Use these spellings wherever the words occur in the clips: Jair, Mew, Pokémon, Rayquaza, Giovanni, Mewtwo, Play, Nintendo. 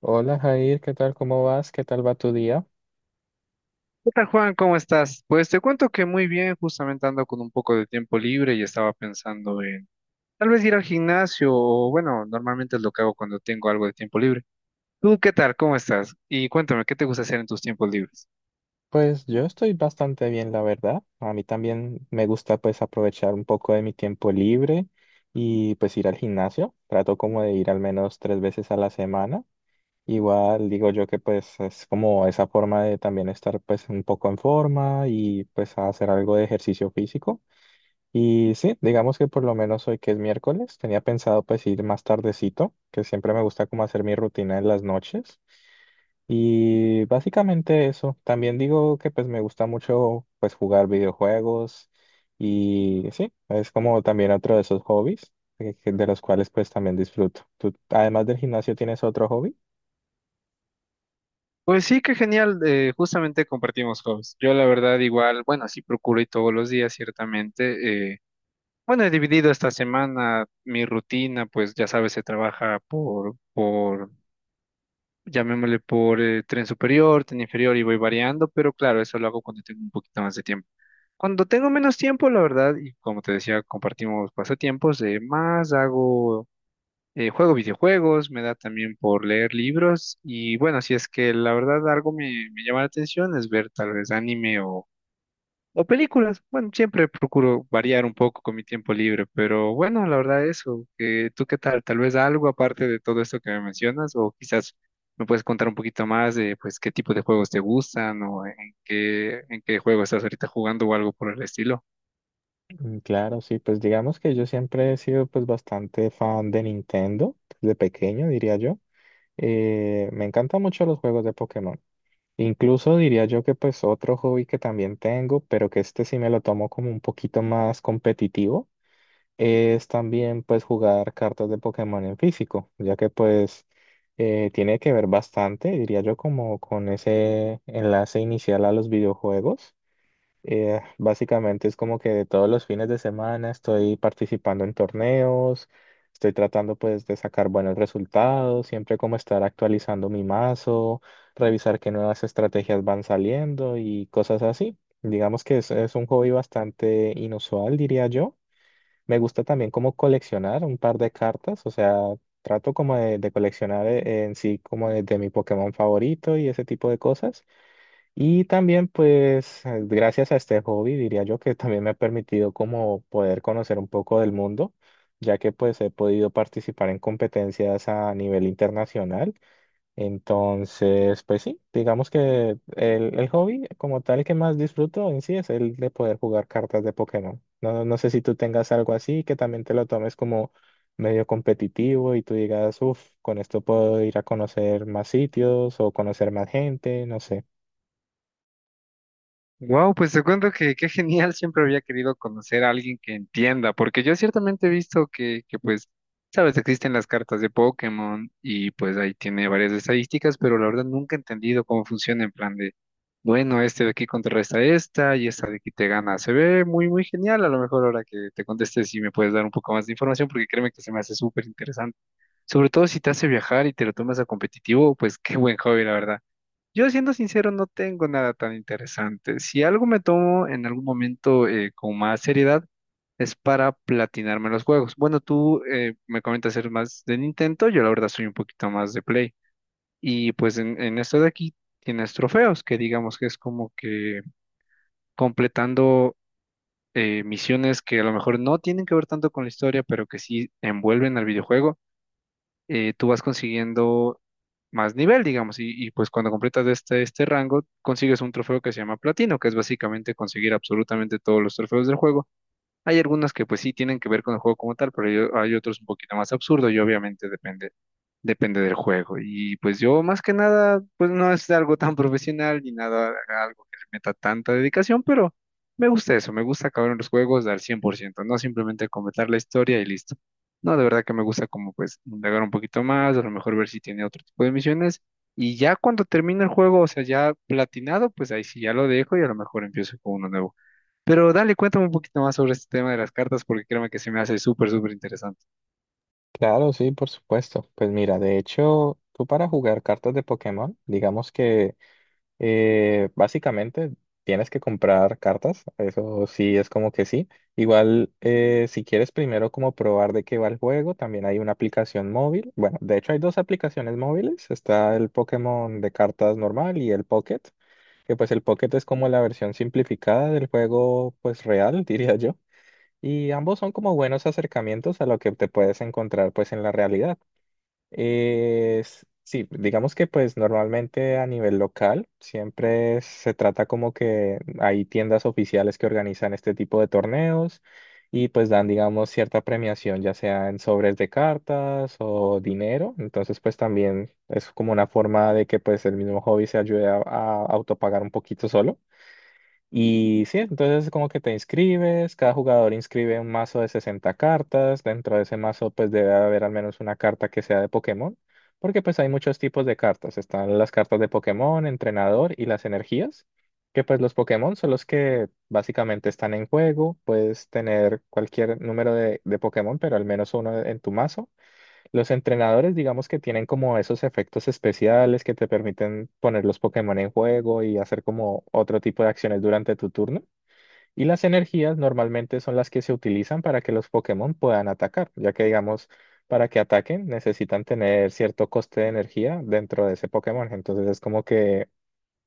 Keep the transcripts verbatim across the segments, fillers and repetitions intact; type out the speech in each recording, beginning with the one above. Hola Jair, ¿qué tal? ¿Cómo vas? ¿Qué tal va tu día? ¿Qué tal, Juan? ¿Cómo estás? Pues te cuento que muy bien, justamente ando con un poco de tiempo libre y estaba pensando en tal vez ir al gimnasio o bueno, normalmente es lo que hago cuando tengo algo de tiempo libre. ¿Tú qué tal? ¿Cómo estás? Y cuéntame, ¿qué te gusta hacer en tus tiempos libres? Pues yo estoy bastante bien, la verdad. A mí también me gusta pues aprovechar un poco de mi tiempo libre y pues ir al gimnasio. Trato como de ir al menos tres veces a la semana. Igual digo yo que pues es como esa forma de también estar pues un poco en forma y pues hacer algo de ejercicio físico. Y sí, digamos que por lo menos hoy que es miércoles, tenía pensado pues ir más tardecito, que siempre me gusta como hacer mi rutina en las noches. Y básicamente eso. También digo que pues me gusta mucho pues jugar videojuegos y sí, es como también otro de esos hobbies eh, que- de los cuales pues también disfruto. ¿Tú además del gimnasio tienes otro hobby? Pues sí, qué genial, eh, justamente compartimos hobbies. Yo la verdad igual, bueno, sí procuro ir todos los días, ciertamente. Eh, bueno, he dividido esta semana mi rutina, pues ya sabes, se trabaja por, por llamémosle por eh, tren superior, tren inferior y voy variando, pero claro, eso lo hago cuando tengo un poquito más de tiempo. Cuando tengo menos tiempo, la verdad, y como te decía, compartimos pasatiempos, eh, más hago, eh, juego videojuegos, me da también por leer libros y bueno, si es que la verdad algo me, me llama la atención es ver tal vez anime o películas, bueno, siempre procuro variar un poco con mi tiempo libre, pero bueno, la verdad eso, que tú qué tal, tal vez algo aparte de todo esto que me mencionas, o quizás me puedes contar un poquito más de pues qué tipo de juegos te gustan o en qué, en qué juego estás ahorita jugando o algo por el estilo. Mm, Claro, sí, pues digamos que yo siempre he sido pues bastante fan de Nintendo, de pequeño diría yo. Eh, me encantan mucho los juegos de Pokémon. Incluso diría yo que pues otro hobby que también tengo, pero que este sí me lo tomo como un poquito más competitivo es también pues jugar cartas de Pokémon en físico, ya que pues eh, tiene que ver bastante, diría yo, como con ese enlace inicial a los videojuegos. Eh, básicamente es como que todos los fines de semana estoy participando en torneos, estoy tratando pues de sacar buenos resultados, siempre como estar actualizando mi mazo, revisar qué nuevas estrategias van saliendo y cosas así. Digamos que es, es un hobby bastante inusual, diría yo. Me gusta también como coleccionar un par de cartas, o sea, trato como de, de coleccionar eh, en sí como de, de mi Pokémon favorito y ese tipo de cosas. Y también pues eh, gracias a este hobby diría yo que también me ha permitido como poder conocer un poco del mundo, ya que pues he podido participar en competencias a nivel internacional. Entonces, pues sí, digamos que el, el hobby como tal que más disfruto en sí es el de poder jugar cartas de Pokémon. No, no sé si tú tengas algo así que también te lo tomes como medio competitivo y tú digas, uff, con esto puedo ir a conocer más sitios o conocer más gente, no sé. Wow, pues te cuento que qué genial, siempre había querido conocer a alguien que entienda, porque yo ciertamente he visto que, que pues, sabes, existen las cartas de Pokémon y pues ahí tiene varias estadísticas, pero la verdad nunca he entendido cómo funciona en plan de, bueno, este de aquí contrarresta esta y esta de aquí te gana. Se ve muy, muy genial, a lo mejor ahora que te contestes si me puedes dar un poco más de información, porque créeme que se me hace súper interesante, sobre todo si te hace viajar y te lo tomas a competitivo, pues qué buen hobby, la verdad. Yo siendo sincero no tengo nada tan interesante. Si algo me tomo en algún momento eh, con más seriedad es para platinarme los juegos. Bueno, tú eh, me comentas eres más de Nintendo, yo la verdad soy un poquito más de Play. Y pues en, en esto de aquí tienes trofeos, que digamos que es como que completando eh, misiones que a lo mejor no tienen que ver tanto con la historia, pero que sí envuelven al videojuego. Eh, tú vas consiguiendo más nivel, digamos, y, y, pues cuando completas este, este rango, consigues un trofeo que se llama platino, que es básicamente conseguir absolutamente todos los trofeos del juego. Hay algunos que pues sí tienen que ver con el juego como tal, pero hay, hay otros un poquito más absurdos y obviamente depende depende del juego. Y pues yo más que nada, pues no es algo tan profesional ni nada, algo que le meta tanta dedicación, pero me gusta eso, me gusta acabar en los juegos al cien por ciento, no simplemente completar la historia y listo. No, de verdad que me gusta como pues indagar un poquito más, a lo mejor ver si tiene otro tipo de misiones. Y ya cuando termina el juego, o sea, ya platinado, pues ahí sí ya lo dejo y a lo mejor empiezo con uno nuevo. Pero dale, cuéntame un poquito más sobre este tema de las cartas, porque créeme que se me hace súper, súper interesante. Claro, sí, por supuesto. Pues mira, de hecho, tú para jugar cartas de Pokémon, digamos que Eh, básicamente tienes que comprar cartas, eso sí es como que sí. Igual eh, si quieres primero como probar de qué va el juego, también hay una aplicación móvil. Bueno, de hecho hay dos aplicaciones móviles, está el Pokémon de cartas normal y el Pocket, que pues el Pocket es como la versión simplificada del juego pues real, diría yo. Y ambos son como buenos acercamientos a lo que te puedes encontrar pues en la realidad. Eh, s- sí, digamos que pues normalmente a nivel local siempre se trata como que hay tiendas oficiales que organizan este tipo de torneos y pues dan, digamos, cierta premiación, ya sea en sobres de cartas o dinero. Entonces pues también es como una forma de que pues el mismo hobby se ayude a, a autopagar un poquito solo. Y sí, entonces como que te inscribes, cada jugador inscribe un mazo de sesenta cartas, dentro de ese mazo pues debe haber al menos una carta que sea de Pokémon, porque pues hay muchos tipos de cartas, están las cartas de Pokémon, entrenador y las energías, que pues los Pokémon son los que básicamente están en juego, puedes tener cualquier número de, de Pokémon, pero al menos uno en tu mazo. Los entrenadores, digamos que tienen como esos efectos especiales que te permiten poner los Pokémon en juego y hacer como otro tipo de acciones durante tu turno. Y las energías normalmente son las que se utilizan para que los Pokémon puedan atacar, ya que digamos, para que ataquen necesitan tener cierto coste de energía dentro de ese Pokémon. Entonces es como que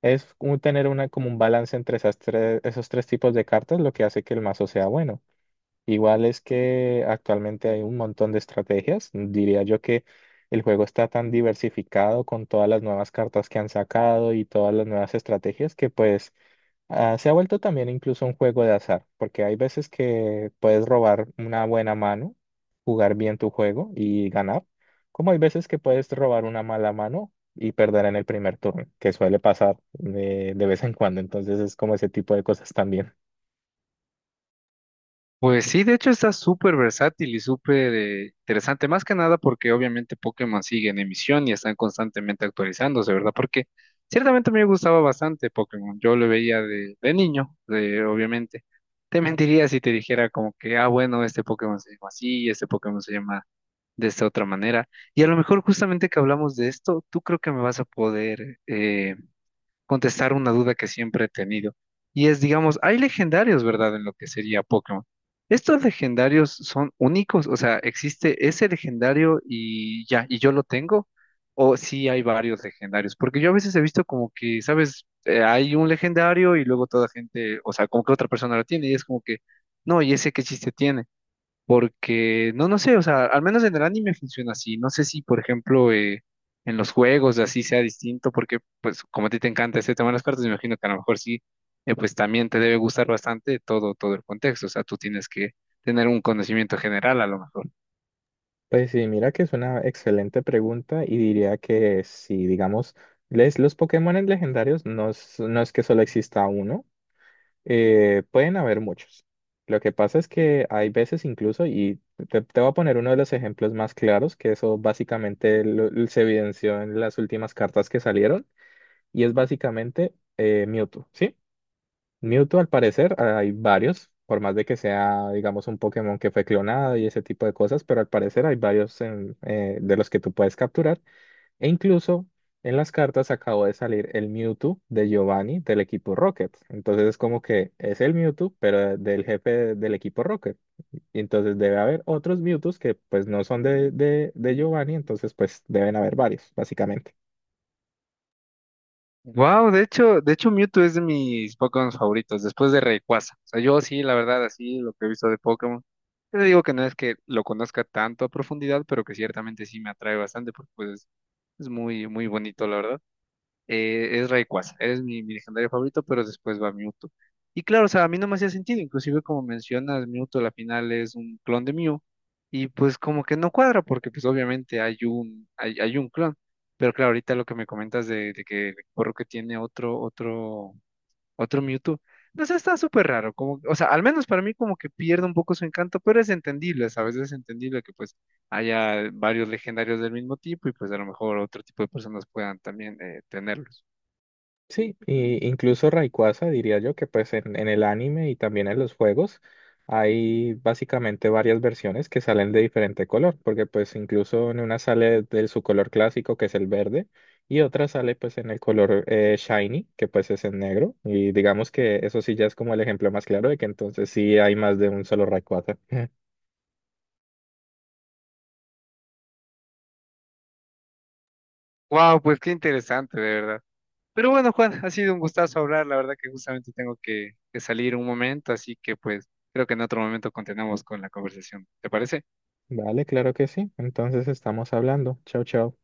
es como tener una, como un balance entre esas tres, esos tres tipos de cartas, lo que hace que el mazo sea bueno. Igual es que actualmente hay un montón de estrategias. Diría yo que el juego está tan diversificado con todas las nuevas cartas que han sacado y todas las nuevas estrategias que pues ah, se ha vuelto también incluso un juego de azar, porque hay veces que puedes robar una buena mano, jugar bien tu juego y ganar, como hay veces que puedes robar una mala mano y perder en el primer turno, que suele pasar de, de vez en cuando. Entonces es como ese tipo de cosas también. Pues sí, de hecho está súper versátil y súper eh, interesante, más que nada porque obviamente Pokémon sigue en emisión y están constantemente actualizándose, ¿verdad? Porque ciertamente me gustaba bastante Pokémon, yo lo veía de, de niño, de- obviamente. Te mentiría si te dijera como que, ah, bueno, este Pokémon se llama así, este Pokémon se llama de esta otra manera. Y a lo mejor justamente que hablamos de esto, tú creo que me vas a poder eh, contestar una duda que siempre he tenido. Y es, digamos, hay legendarios, ¿verdad? En lo que sería Pokémon. ¿Estos legendarios son únicos? O sea, ¿existe ese legendario y ya, y yo lo tengo? ¿O sí hay varios legendarios? Porque yo a veces he visto como que, ¿sabes? Eh, hay un legendario y luego toda gente, o sea, como que otra persona lo tiene y es como que, no, ¿y ese qué chiste tiene? Porque, no, no sé, o sea, al menos en el anime funciona así. No sé si, por ejemplo, eh, en los juegos así sea distinto, porque, pues, como a ti te encanta este tema de las cartas, me imagino que a lo mejor sí, eh, pues también te debe gustar bastante todo, todo el contexto. O sea, tú tienes que tener un conocimiento general a lo mejor. Pues sí, mira que es una excelente pregunta y diría que si, digamos, les, los Pokémon legendarios no es, no es que solo exista uno, eh, pueden haber muchos. Lo que pasa es que hay veces incluso, y te, te voy a poner uno de los ejemplos más claros, que eso básicamente lo- se evidenció en las últimas cartas que salieron, y es básicamente eh, Mewtwo, ¿sí? Mewtwo, al parecer, hay varios, por más de que sea, digamos, un Pokémon que fue clonado y ese tipo de cosas, pero al parecer hay varios en- eh, de los que tú puedes capturar. E incluso en las cartas acabó de salir el Mewtwo de Giovanni del equipo Rocket. Entonces es como que es el Mewtwo, pero de- del jefe de- del equipo Rocket. Y entonces debe haber otros Mewtwo que pues no son de, de, de Giovanni, entonces pues deben haber varios, básicamente. Wow, de hecho, de hecho Mewtwo es de mis Pokémon favoritos, después de Rayquaza. O sea, yo sí, la verdad, así lo que he visto de Pokémon. Yo te digo que no es que lo conozca tanto a profundidad, pero que ciertamente sí me atrae bastante, porque pues es es muy, muy bonito, la verdad. Eh, es Rayquaza, eres mi, mi legendario favorito, pero después va Mewtwo. Y claro, o sea, a mí no me hacía sentido, inclusive como mencionas, Mewtwo a la final es un clon de Mew, y pues como que no cuadra, porque pues obviamente hay un, hay, hay un clon, pero claro, ahorita lo que me comentas de, de que el porro que tiene otro, otro, otro Mewtwo, no sé, está súper raro, como, o sea, al menos para mí como que pierde un poco su encanto, pero es entendible, ¿sabes? Es entendible que pues haya varios legendarios del mismo tipo, y pues a lo mejor otro tipo de personas puedan también eh, tenerlos. Sí, y incluso Rayquaza, diría yo que pues en, en el anime y también en los juegos hay básicamente varias versiones que salen de diferente color, porque pues incluso en una sale de su color clásico que es el verde y otra sale pues en el color eh, shiny que pues es en negro y digamos que eso sí ya es como el ejemplo más claro de que entonces sí hay más de un solo Rayquaza. Wow, pues qué interesante, de verdad. Pero bueno, Juan, ha sido un gustazo hablar. La verdad que justamente tengo que, que salir un momento, así que pues creo que en otro momento continuamos con la conversación. ¿Te parece? Vale, claro que sí, entonces estamos hablando. Chao, chao.